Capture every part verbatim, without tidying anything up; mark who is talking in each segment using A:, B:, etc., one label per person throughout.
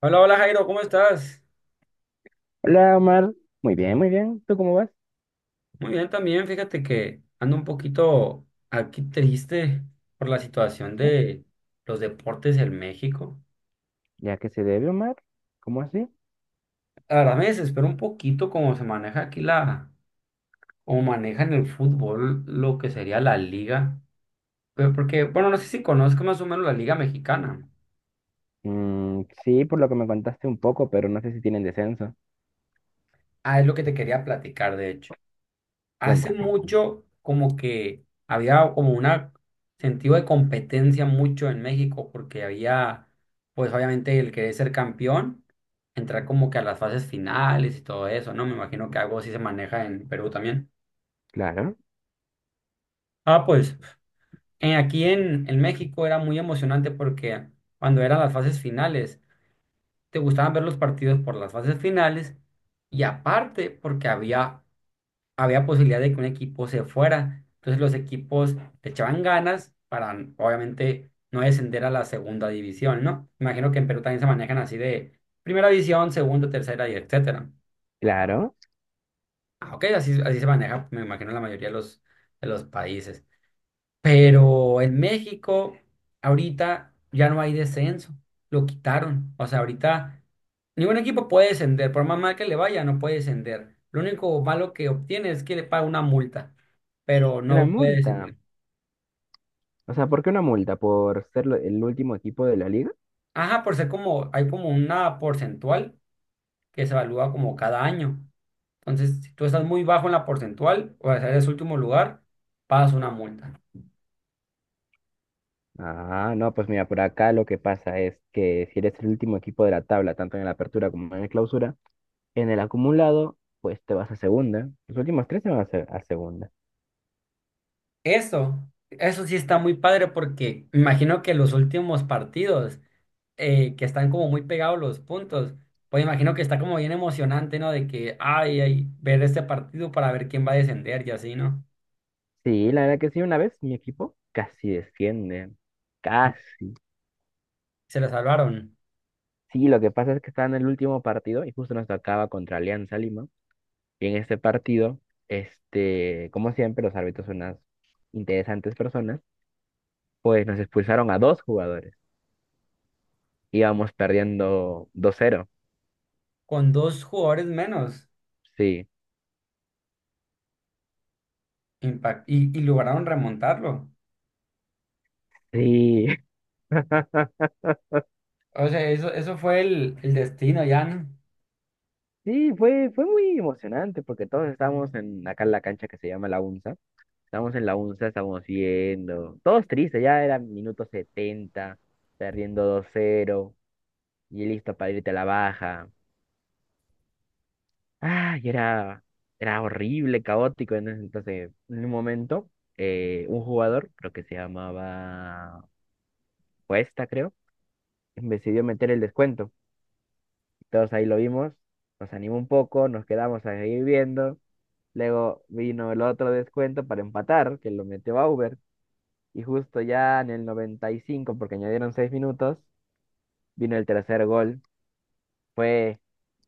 A: Hola, hola Jairo, ¿cómo estás?
B: Hola, Omar. Muy bien, muy bien. ¿Tú cómo vas?
A: Muy bien también, fíjate que ando un poquito aquí triste por la situación
B: ¿Eso?
A: de los deportes en México.
B: ¿Ya que se debe, Omar? ¿Cómo así?
A: La verdad me desespero un poquito cómo se maneja aquí la, cómo manejan el fútbol, lo que sería la liga. Pero porque, bueno, no sé si conozco más o menos la liga mexicana.
B: Mm, sí, por lo que me contaste un poco, pero no sé si tienen descenso.
A: Ah, es lo que te quería platicar, de hecho. Hace
B: Cuéntame.
A: mucho como que había como una sentido de competencia mucho en México porque había, pues obviamente el querer ser campeón, entrar como que a las fases finales y todo eso, ¿no? Me imagino que algo así se maneja en Perú también.
B: Claro,
A: Ah, pues eh, aquí en, en México era muy emocionante porque cuando eran las fases finales, te gustaban ver los partidos por las fases finales y aparte porque había había posibilidad de que un equipo se fuera. Entonces los equipos le echaban ganas para, obviamente, no descender a la segunda división, ¿no? Imagino que en Perú también se manejan así de primera división, segunda, tercera y etcétera.
B: claro.
A: Ah, ok, así, así se maneja, me imagino, la mayoría de los, de los países. Pero en México, ahorita ya no hay descenso, lo quitaron. O sea, ahorita ningún equipo puede descender, por más mal que le vaya, no puede descender. Lo único malo que obtiene es que le paga una multa, pero
B: Una
A: no puede
B: multa.
A: descender.
B: O sea, ¿por qué una multa? ¿Por ser lo- el último equipo de la liga?
A: Ajá, por ser como, hay como una porcentual que se evalúa como cada año. Entonces, si tú estás muy bajo en la porcentual, o sea, eres último lugar, pagas una multa.
B: Ah, no, pues mira, por acá lo que pasa es que si eres el último equipo de la tabla, tanto en la apertura como en la clausura, en el acumulado, pues te vas a segunda. Los últimos tres se van a, se- a segunda.
A: Eso, eso sí está muy padre porque me imagino que los últimos partidos. eh, que están como muy pegados los puntos. Pues imagino que está como bien emocionante, ¿no? De que, ay, ay, ver este partido para ver quién va a descender y así, ¿no?
B: Sí, la verdad que sí, una vez mi equipo casi desciende, casi.
A: Se la salvaron
B: Sí, lo que pasa es que estaba en el último partido y justo nos tocaba contra Alianza Lima. Y en este partido, este, como siempre, los árbitros son unas interesantes personas, pues nos expulsaron a dos jugadores. Íbamos perdiendo dos cero.
A: con dos jugadores menos
B: Sí,
A: impact y, y lograron remontarlo.
B: sí.
A: O sea, eso, eso fue el, el destino ya, ¿no?
B: Sí, fue, fue muy emocionante porque todos estábamos en acá en la cancha que se llama La UNSA. Estamos en la UNSA, estamos viendo. Todos tristes, ya era minuto setenta perdiendo dos cero y listo para irte a la baja. Ah, y era, era horrible, caótico. En ese entonces, en un momento, eh, un jugador, creo que se llamaba Cuesta, creo, decidió meter el descuento. Todos ahí lo vimos, nos animó un poco, nos quedamos ahí viendo. Luego vino el otro descuento para empatar, que lo metió Bauer. Y justo ya en el noventa y cinco, porque añadieron seis minutos, vino el tercer gol. Fue,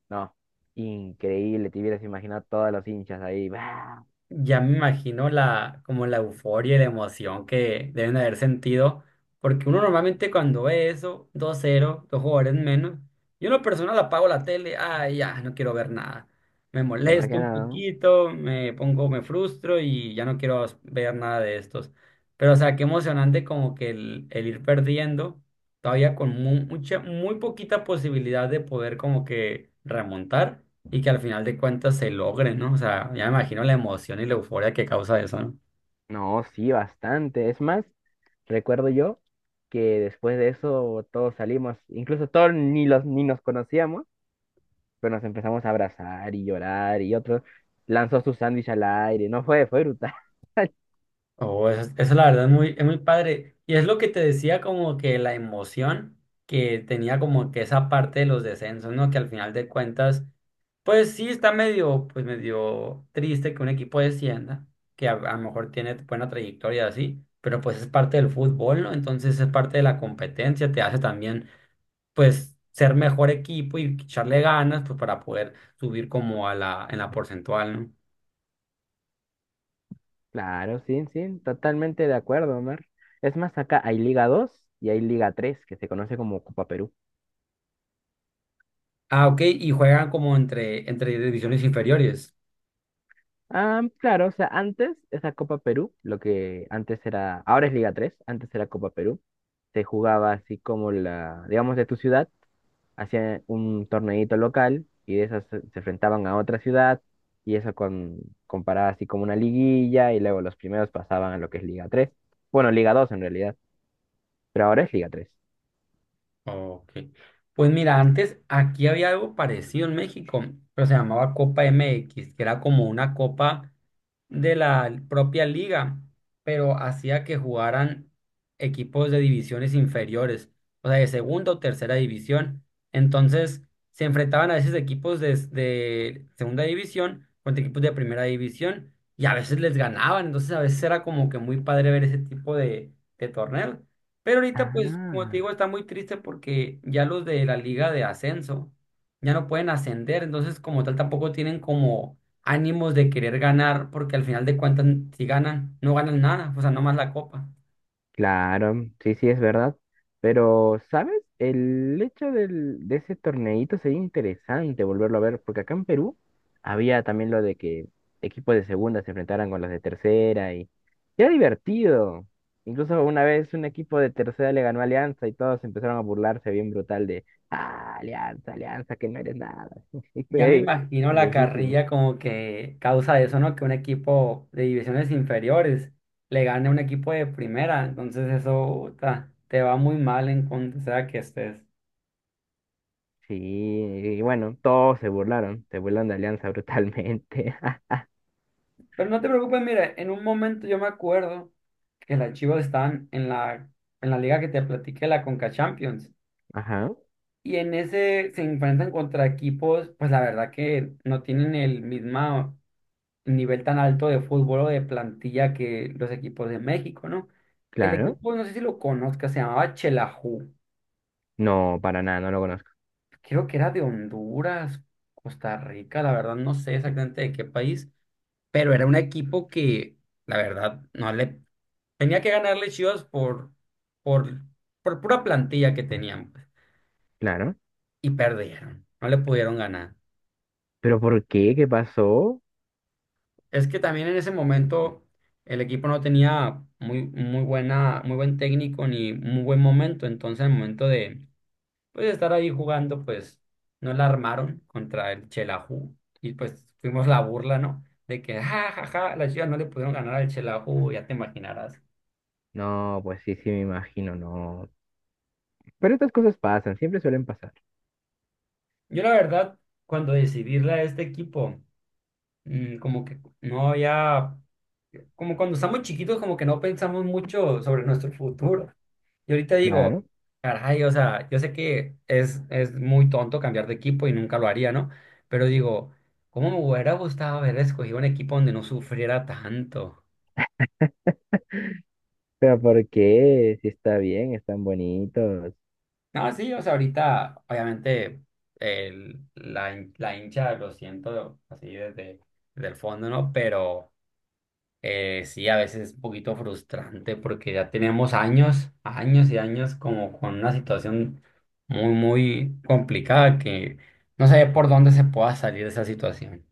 B: no, increíble. Te hubieras imaginado todos los hinchas ahí. ¡Bah!
A: Ya me imagino la, como la euforia y la emoción que deben haber sentido, porque uno normalmente cuando ve eso, dos cero dos jugadores menos, yo en lo personal apago la tele, ay, ya, no quiero ver nada. Me
B: ¿Verdad que
A: molesto un
B: no?
A: poquito, me pongo, me frustro y ya no quiero ver nada de estos. Pero, o sea, qué emocionante como que el, el ir perdiendo todavía con mu- mucha, muy poquita posibilidad de poder como que remontar y que al final de cuentas se logre, ¿no? O sea, ya me imagino la emoción y la euforia que causa eso, ¿no?
B: No, sí, bastante. Es más, recuerdo yo que después de eso todos salimos, incluso todos ni los ni nos conocíamos, pero nos empezamos a abrazar y llorar y otro lanzó su sándwich al aire. No fue, fue brutal.
A: Oh, eso, eso la verdad es muy, es muy padre. Y es lo que te decía como que la emoción que tenía como que esa parte de los descensos, ¿no? Que al final de cuentas, pues sí está medio, pues medio triste que un equipo descienda, que a, a lo mejor tiene buena trayectoria así, pero pues es parte del fútbol, ¿no? Entonces es parte de la competencia, te hace también, pues, ser mejor equipo y echarle ganas, pues para poder subir como a la, en la porcentual, ¿no?
B: Claro, sí, sí, totalmente de acuerdo, Omar. Es más, acá hay Liga dos y hay Liga tres que se conoce como Copa Perú.
A: Ah, ok, y juegan como entre, entre divisiones inferiores.
B: Ah, claro, o sea, antes esa Copa Perú, lo que antes era, ahora es Liga tres antes era Copa Perú, se jugaba así como la, digamos, de tu ciudad, hacían un torneito local y de esas se se enfrentaban a otra ciudad y eso con, comparaba así como una liguilla y luego los primeros pasaban a lo que es Liga tres. Bueno, Liga dos en realidad, pero ahora es Liga tres.
A: Ok. Pues mira, antes aquí había algo parecido en México, pero se llamaba Copa M X, que era como una copa de la propia liga, pero hacía que jugaran equipos de divisiones inferiores, o sea, de segunda o tercera división. Entonces, se enfrentaban a veces equipos de, de segunda división contra equipos de primera división y a veces les ganaban. Entonces, a veces era como que muy padre ver ese tipo de, de torneos. Pero ahorita, pues, como te
B: Ah.
A: digo, está muy triste porque ya los de la liga de ascenso ya no pueden ascender, entonces como tal tampoco tienen como ánimos de querer ganar, porque al final de cuentas, si ganan, no ganan nada, o sea, nomás la copa.
B: Claro, sí, sí, es verdad. Pero, ¿sabes? El hecho del, de ese torneito sería interesante volverlo a ver, porque acá en Perú había también lo de que equipos de segunda se enfrentaran con los de tercera y era divertido. Incluso una vez un equipo de tercera le ganó a Alianza y todos empezaron a burlarse bien brutal de, ah, Alianza, Alianza, que no eres nada. Y fue
A: Ya me
B: ahí,
A: imagino la
B: graciosísimo.
A: carrilla como que causa eso, ¿no? Que un equipo de divisiones inferiores le gane a un equipo de primera, entonces eso ta, te va muy mal en cuanto sea que estés.
B: Sí, y bueno, todos se burlaron, se burlaron de Alianza brutalmente.
A: Pero no te preocupes, mira, en un momento yo me acuerdo que las Chivas están en la, en la liga que te platiqué, la Conca Champions.
B: Ajá,
A: Y en ese se enfrentan contra equipos, pues la verdad que no tienen el mismo nivel tan alto de fútbol o de plantilla que los equipos de México, ¿no? El
B: claro.
A: equipo, no sé si lo conozca, se llamaba Chelaju.
B: No, para nada, no lo conozco.
A: Creo que era de Honduras, Costa Rica, la verdad no sé exactamente de qué país, pero era un equipo que, la verdad, no le tenía que ganarle Chivas por, por, por pura plantilla que tenían, pues,
B: Claro.
A: y perdieron, no le pudieron ganar.
B: ¿Pero por qué? ¿Qué pasó?
A: Es que también en ese momento el equipo no tenía muy, muy buena, muy buen técnico ni muy buen momento. Entonces, al momento de pues, estar ahí jugando, pues no la armaron contra el Chelaju. Y pues fuimos la burla, ¿no? De que, ja, ja, ja, las Chivas no le pudieron ganar al Chelaju, ya te imaginarás.
B: No, pues sí, sí, me imagino, no. Pero estas cosas pasan, siempre suelen pasar.
A: Yo, la verdad, cuando decidí irle a este equipo, mm, como que no había. Como cuando estamos chiquitos, como que no pensamos mucho sobre nuestro futuro. Y ahorita digo,
B: Claro.
A: caray, o sea, yo sé que es, es muy tonto cambiar de equipo y nunca lo haría, ¿no? Pero digo, ¿cómo me hubiera gustado haber escogido un equipo donde no sufriera tanto?
B: ¿Pero por qué? Si está bien, están bonitos.
A: No, sí, o sea, ahorita, obviamente, el, la, hin- la hincha lo siento así desde, desde el fondo, ¿no? Pero... Eh, sí, a veces es un poquito frustrante porque ya tenemos años, años y años como con una situación muy, muy complicada que no sé por dónde se pueda salir de esa situación.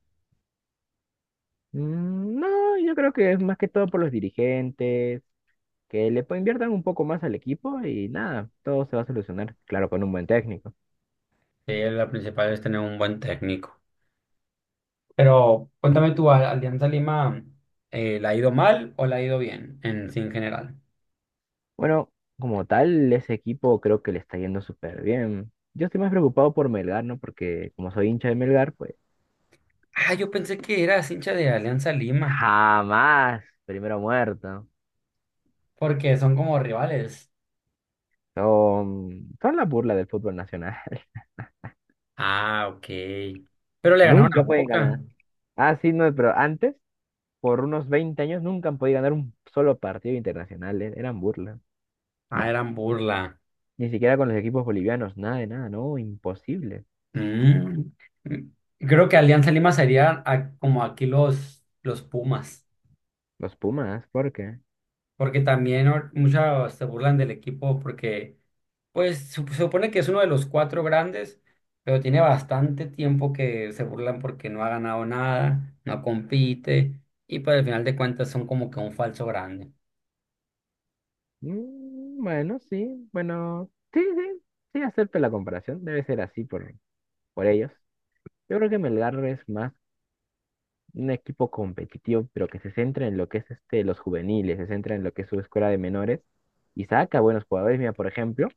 B: Mm, no, yo creo que es más que todo por los dirigentes, que le po- inviertan un poco más al equipo y nada, todo se va a solucionar. Claro, con un buen técnico.
A: Sí, la principal es tener un buen técnico. Pero cuéntame tú, ¿a Alianza Lima eh, la ha ido mal o la ha ido bien en, sí, en general?
B: Bueno, como tal, ese equipo creo que le está yendo súper bien. Yo estoy más preocupado por Melgar, ¿no? Porque como soy hincha de Melgar, pues.
A: Ah, yo pensé que eras hincha de Alianza Lima
B: Jamás. Primero muerto.
A: porque son como rivales.
B: Son, son la burla del fútbol nacional.
A: Ah, ok. Pero le ganaron a
B: Nunca pueden ganar.
A: Boca.
B: Ah, sí, no, pero antes, por unos veinte años, nunca han podido ganar un solo partido internacional. eh, Eran burla.
A: Ah, eran burla.
B: Ni siquiera con los equipos bolivianos. Nada de nada, no, imposible.
A: Mm. Creo que Alianza Lima sería a- como aquí los, los Pumas,
B: Los Pumas, ¿por qué?
A: porque también or- muchos se burlan del equipo porque pues sup- se supone que es uno de los cuatro grandes, pero tiene bastante tiempo que se burlan porque no ha ganado nada, no compite y pues al final de cuentas son como que un falso grande.
B: Mm, bueno, sí, bueno, sí, sí, sí, acepto la comparación. Debe ser así por, por ellos. Yo creo que Melgar es más un equipo competitivo, pero que se centra en lo que es este, los juveniles, se centra en lo que es su escuela de menores y saca buenos jugadores. Mira, por ejemplo,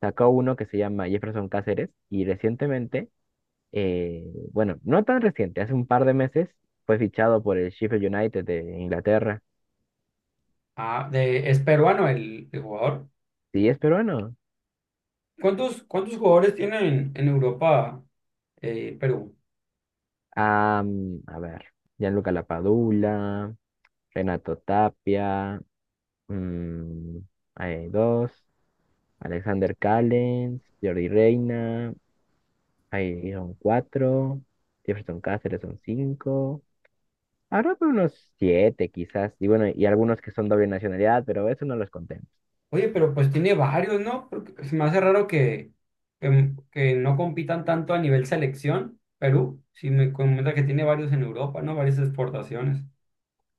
B: sacó uno que se llama Jefferson Cáceres y recientemente, eh, bueno, no tan reciente, hace un par de meses fue fichado por el Sheffield United de Inglaterra.
A: Ah, de, es peruano el, el jugador.
B: Sí, es peruano.
A: ¿Cuántos, cuántos jugadores tienen en Europa eh, Perú?
B: Am, a ver, Gianluca Lapadula, Renato Tapia, mm, hay dos, Alexander Callens, Jordi Reina. Ahí son cuatro. Jefferson Cáceres son cinco. Habrá por unos siete quizás. Y bueno, y algunos que son doble nacionalidad, pero eso no los contemos.
A: Oye, pero pues tiene varios, ¿no? Porque pues, se me hace raro que, que, mm, que no compitan tanto a nivel selección. Perú, si me comenta que tiene varios en Europa, ¿no? Varias exportaciones.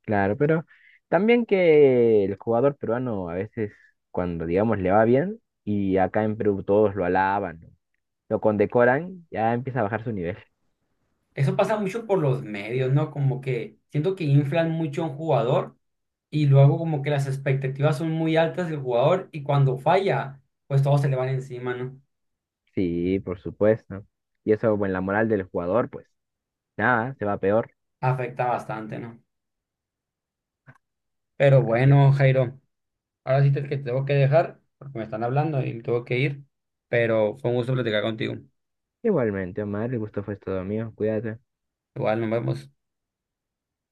B: Claro, pero también que el jugador peruano a veces, cuando digamos le va bien, y acá en Perú todos lo alaban, ¿no? Lo condecoran, ya empieza a bajar su nivel.
A: Eso pasa mucho por los medios, ¿no? Como que siento que inflan mucho a un jugador y luego como que las expectativas son muy altas del jugador y cuando falla, pues todos se le van encima, ¿no?
B: Sí, por supuesto. Y eso, bueno, la moral del jugador, pues nada, se va peor.
A: Afecta bastante, ¿no? Pero
B: Ahí es.
A: bueno, Jairo, ahora sí te, que te tengo que dejar porque me están hablando y me tengo que ir, pero fue un gusto platicar contigo.
B: Igualmente, Omar, el gusto fue todo mío. Cuídate.
A: Igual nos vemos.